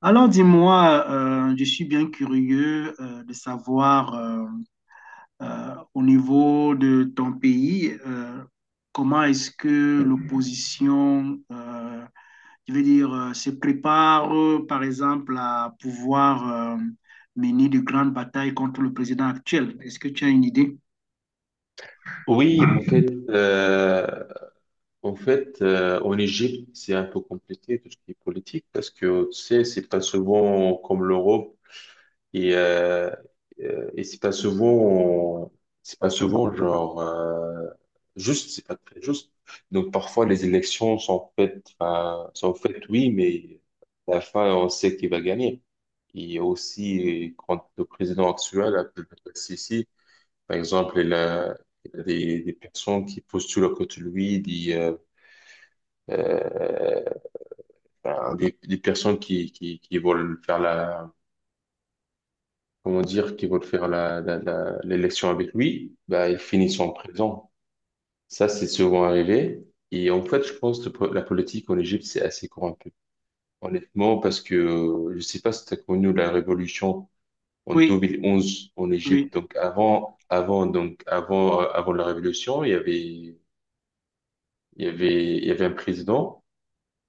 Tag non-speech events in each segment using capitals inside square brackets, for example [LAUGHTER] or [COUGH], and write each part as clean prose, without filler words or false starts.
Alors dis-moi, je suis bien curieux de savoir au niveau de ton pays, comment est-ce que l'opposition, je veux dire, se prépare par exemple à pouvoir mener de grandes batailles contre le président actuel. Est-ce que tu as une idée? Oui, en fait, en Égypte, c'est un peu compliqué tout ce qui est politique parce que tu sais, c'est pas souvent comme l'Europe et euh, et c'est pas souvent genre juste, c'est pas très juste. Donc parfois les élections sont faites, enfin, sont faites oui, mais à la fin on sait qui va gagner. Et aussi quand le président actuel, Abdel Fattah el-Sisi, par exemple, il y a des personnes qui postulent à côté de lui, euh, ben, des personnes qui veulent faire la, comment dire, qui veulent faire l'élection avec lui, ben, ils finissent en prison. Ça, c'est souvent arrivé. Et en fait, je pense que la politique en Égypte, c'est assez corrompu. Honnêtement, parce que je sais pas si tu as connu la révolution en Oui, 2011 en oui, Égypte. Donc avant, avant la révolution, il y avait Il y avait, il y avait un président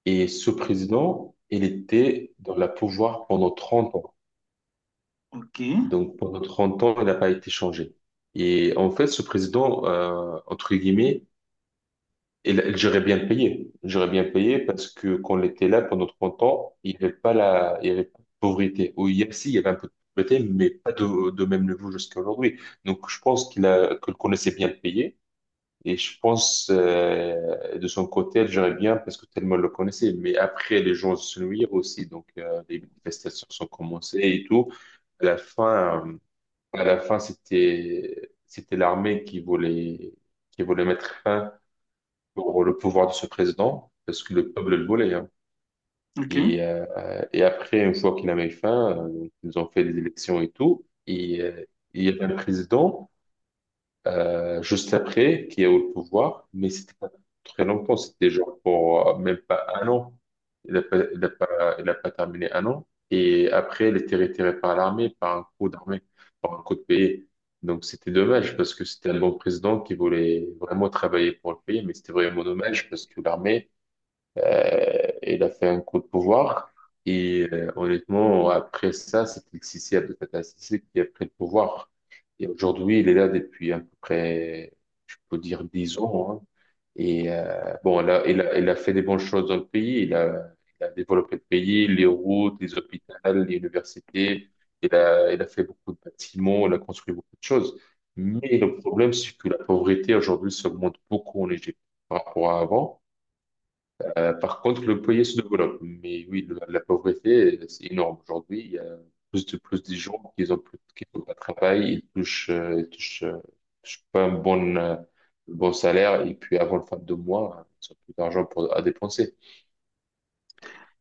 et ce président, il était dans la pouvoir pendant 30 ans. ok, Donc pendant 30 ans, il n'a pas été changé. Et en fait, ce président, entre guillemets, il gérait bien payé. Il gérait bien payé parce que quand il était là pendant 30 ans, il y avait pas de pauvreté. Ou si, il y avait un peu de pauvreté, mais pas de même niveau jusqu'à aujourd'hui. Donc je pense qu'il connaissait bien payé. Et je pense, de son côté, elle gérait bien parce que tellement elle le connaissait. Mais après, les gens se nuirent aussi. Donc, les manifestations sont commencées et tout. À la fin, c'était l'armée qui voulait mettre fin pour le pouvoir de ce président parce que le peuple le voulait, hein. ok. Et, euh, et après, une fois qu'il avait fin, donc, ils ont fait des élections et tout. Et, il y avait un président juste après, qui est au pouvoir, mais c'était pas très longtemps, c'était genre pour même pas un an. Il n'a pas, il a pas, il a pas terminé un an. Et après, il était retiré par l'armée, par un coup d'armée, par un coup de pays. Donc c'était dommage parce que c'était un bon président qui voulait vraiment travailler pour le pays, mais c'était vraiment dommage parce que l'armée, il a fait un coup de pouvoir. Et honnêtement, après ça, c'est Sissi, Abdel Sissi, qui a pris le pouvoir. Et aujourd'hui, il est là depuis à peu près, je peux dire, dix ans, hein. Et bon, là, il a fait des bonnes choses dans le pays. Il a développé le pays, les routes, les hôpitaux, les universités. Il a fait beaucoup de bâtiments, il a construit beaucoup de choses. Mais le problème, c'est que la pauvreté aujourd'hui s'augmente beaucoup en Égypte par rapport à avant. Par contre, le foyer se développe. Mais oui, la pauvreté, c'est énorme. Aujourd'hui, il y a plus de gens qui ont plus, qui n'ont pas de travail, ils touchent pas un bon salaire. Et puis, avant le fin de mois, ils ont plus d'argent à dépenser.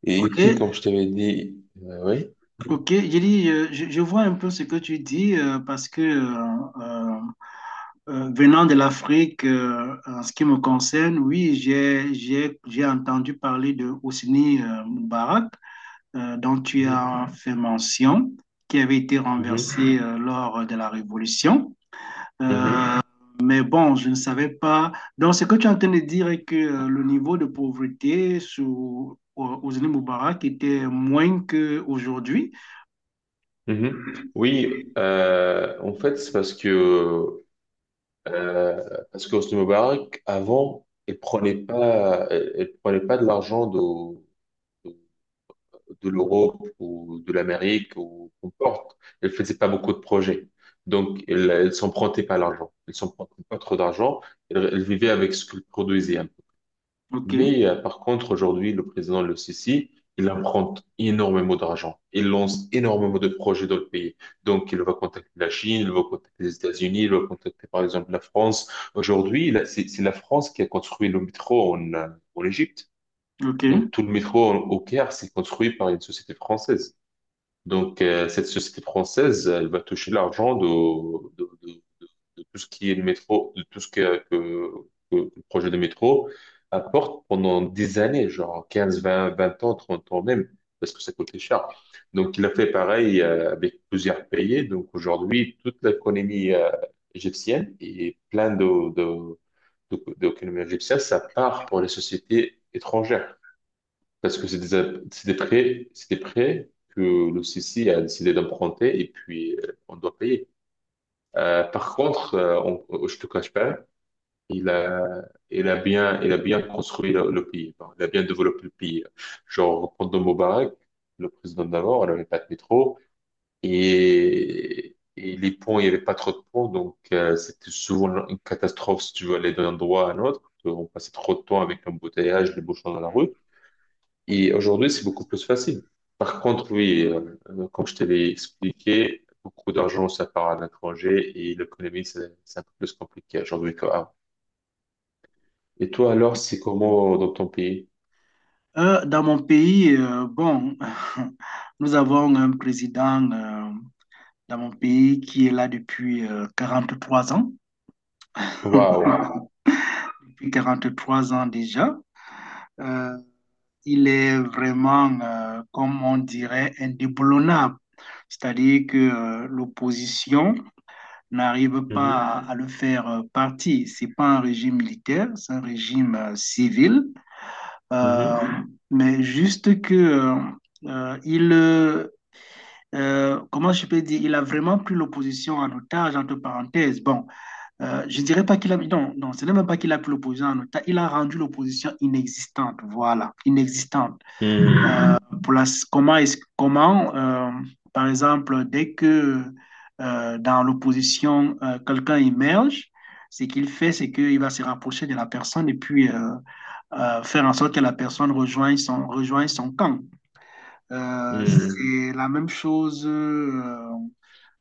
Et Ok, puis, comme je t'avais dit, oui. ok, j'ai dit, je vois un peu ce que tu dis parce que venant de l'Afrique, en ce qui me concerne, oui, j'ai entendu parler de Hosni Moubarak, dont tu as fait mention, qui avait été Mhm, renversé lors de la Révolution. mhm, Euh, mais bon, je ne savais pas. Donc, ce que tu es en train de dire est que le niveau de pauvreté sous Hosni Moubarak était moins qu'aujourd'hui. mhm, mhm. Oui, en fait, c'est parce qu'Hosni Moubarak, avant, il prenait pas de l'argent de l'Europe ou de l'Amérique ou qu'importe. Elles faisaient pas beaucoup de projets. Donc, elles s'empruntaient pas l'argent. Elles s'empruntaient pas trop d'argent. Elles vivaient avec ce qu'elles produisaient, un peu. OK, Mais par contre, aujourd'hui, le président le Sisi, il emprunte énormément d'argent. Il lance énormément de projets dans le pays. Donc, il va contacter la Chine, il va contacter les États-Unis, il va contacter par exemple la France. Aujourd'hui, là, c'est la France qui a construit le métro en, en Égypte. OK. Donc tout le métro au Caire, c'est construit par une société française. Donc cette société française, elle va toucher l'argent de, de- de tout ce qui est le métro, de tout ce que le projet de métro apporte pendant des années, genre 15, 20, 20 ans, 30 ans même, parce que ça coûtait cher. Donc il a fait pareil avec plusieurs pays. Donc aujourd'hui, toute l'économie égyptienne et plein de, d'économie égyptienne, ça part pour les sociétés étrangères. Parce que c'est des prêts que le CC a décidé d'emprunter et puis on doit payer. Par contre, je te cache pas, il a, il a bien construit le pays. Bon, il a bien développé le pays. Genre, pendant Moubarak, le président d'avant, on n'avait pas de métro et les ponts, il n'y avait pas trop de ponts. Donc, c'était souvent une catastrophe si tu veux aller d'un endroit à un autre. On passait trop de temps avec l'embouteillage, les bouchons dans la rue. Et aujourd'hui, c'est beaucoup plus facile. Par contre, oui, comme je te l'ai expliqué, beaucoup d'argent, ça part à l'étranger et l'économie, c'est un peu plus compliqué aujourd'hui qu'avant. Et toi, alors, c'est comment dans ton pays? Dans mon pays, bon, [LAUGHS] nous avons un président dans mon pays qui est là depuis 3 ans, [LAUGHS] Waouh. depuis 43 ans déjà. Euh, il est vraiment, comme on dirait, indéboulonnable. C'est-à-dire que l'opposition n'arrive pas Mhm. à le faire partie. C'est pas un régime militaire, c'est un régime civil. Euh, Mhm. mais juste que il comment je peux dire, il a vraiment pris l'opposition en otage, entre parenthèses. Bon, je dirais pas qu'il a, non, non, ce n'est même pas qu'il a pris l'opposition en otage, il a rendu l'opposition inexistante, voilà, inexistante. Euh, pour la, comment est-ce, comment, par exemple, dès que dans l'opposition, quelqu'un émerge, ce qu'il fait, c'est qu'il va se rapprocher de la personne et puis faire en sorte que la personne rejoigne son camp. Mhm. C'est la même chose, euh,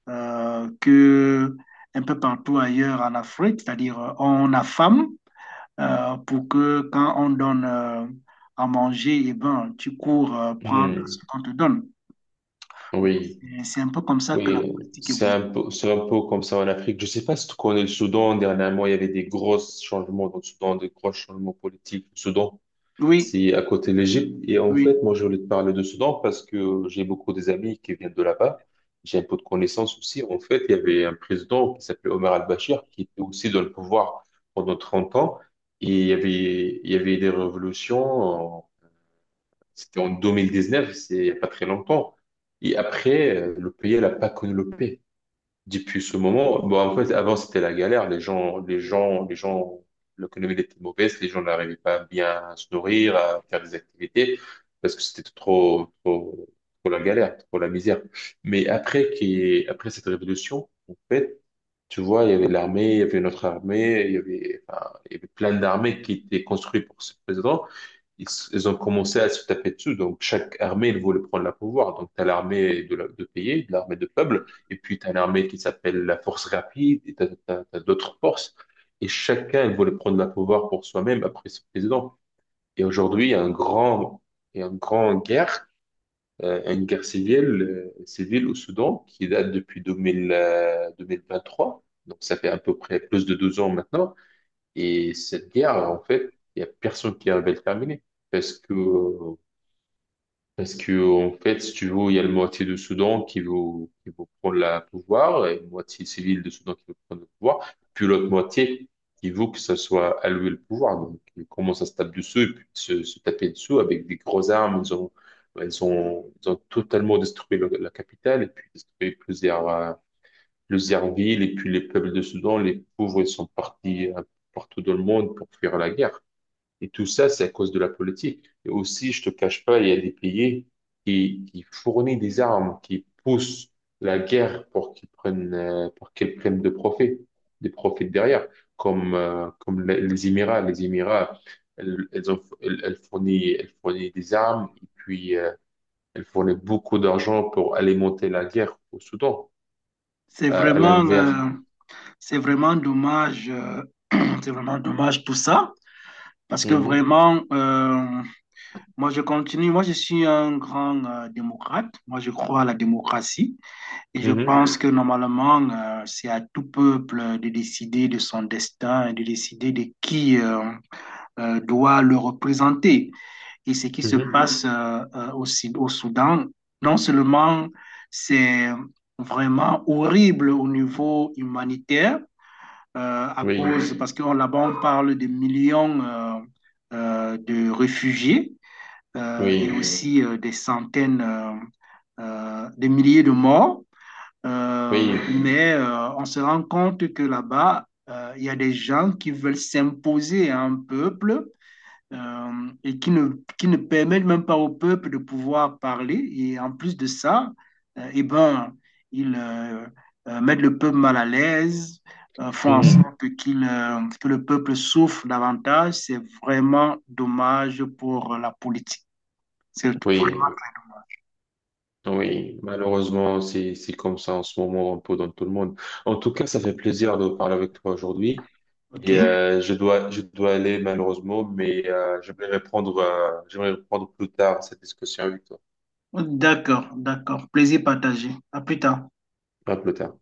euh, que un peu partout ailleurs en Afrique, c'est-à-dire on affame pour que quand on donne à manger, eh ben, tu cours Mhm. prendre ce Mhm. qu'on te donne. Oui, Et c'est un peu comme ça que la oui, politique évolue. C'est un peu comme ça en Afrique. Je sais pas si tu connais le Soudan. Dernièrement, il y avait des gros changements dans le Soudan, des gros changements politiques. Le Soudan, Oui, C'est à côté de l'Égypte. Et en oui, fait, moi, je voulais te parler de Soudan parce que j'ai beaucoup des amis qui viennent de là-bas. J'ai un peu de connaissances aussi. En fait, il y avait un président qui s'appelait Omar al-Bashir qui était aussi dans le pouvoir pendant 30 ans. Il y avait des révolutions. C'était en 2019, c'est il n'y a pas très longtemps. Et après, le pays n'a pas connu le paix. Depuis ce moment, bon, en fait, avant, c'était la galère. L'économie était mauvaise. Les gens n'arrivaient pas bien à se nourrir, à faire des activités, parce que c'était trop, trop, trop la galère, trop la misère. Mais après cette révolution, en fait, tu vois, il y avait l'armée, il y avait notre armée, il y avait, enfin, il y avait plein d'armées qui étaient construites pour ce président ils, ils ont commencé à se taper dessus. Donc, chaque armée, elle voulaient prendre la pouvoir. Donc, tu as l'armée de, de pays, de l'armée de peuple, et puis tu as l'armée qui s'appelle la force rapide, et tu as, d'autres forces. Et chacun, il voulait prendre la pouvoir pour soi-même après ce président. Et aujourd'hui, il y a une grande guerre, une guerre civile au Soudan, qui date depuis 2000, 2023. Donc, ça fait à peu près plus de 2 ans maintenant. Et cette guerre, en fait, il n'y a personne qui arrive à le terminer. Parce que, euh, parce que, en fait, si tu veux, il y a la moitié du Soudan qui veut, prendre la pouvoir, et la moitié civile du Soudan qui veut prendre le pouvoir, puis l'autre moitié qui veut que ça soit alloué le pouvoir. Donc, ils commencent à se taper dessus, et puis se taper dessous avec des grosses armes. Ils ont totalement détruit la capitale, et puis détruit plusieurs, le Zerville et puis les peuples de Soudan, les pauvres, ils sont partis partout dans le monde pour fuir la guerre. Et tout ça, c'est à cause de la politique. Et aussi, je te cache pas, il y a des pays qui fournissent des armes, qui poussent la guerre pour qu'elles prennent de profit, des profits derrière, comme, comme les Émirats. Les Émirats, elles, elles ont, elles, elles fournissent des armes et puis elles fournissent beaucoup d'argent pour alimenter la guerre au Soudan. c'est À vraiment, l'inverse. euh, c'est vraiment dommage, [CLEARS THROAT] c'est vraiment dommage tout ça, parce que Mhm. vraiment, moi je continue, moi je suis un grand démocrate, moi je crois à la démocratie. Et je Mhm. pense que normalement, c'est à tout peuple de décider de son destin et de décider de qui doit le représenter. Et ce qui se Mhm. passe au, au Soudan, non seulement c'est vraiment horrible au niveau humanitaire, à Oui, cause, parce que là-bas, on parle de millions de réfugiés et oui, aussi des centaines, des milliers de morts. Oui, Mais on se rend compte que là-bas, il y a des gens qui veulent s'imposer à un peuple et qui ne permettent même pas au peuple de pouvoir parler. Et en plus de ça, eh ben, ils mettent le peuple mal à l'aise, font en mhm. sorte qu'il, que le peuple souffre davantage. C'est vraiment dommage pour la politique. C'est Oui, vraiment... oui. Malheureusement, c'est comme ça en ce moment, un peu dans tout le monde. En tout cas, ça fait plaisir de parler avec toi aujourd'hui. Et OK. Je dois aller malheureusement, mais j'aimerais reprendre plus tard cette discussion avec toi. D'accord, d'accord. Plaisir partagé. À plus tard. À plus tard.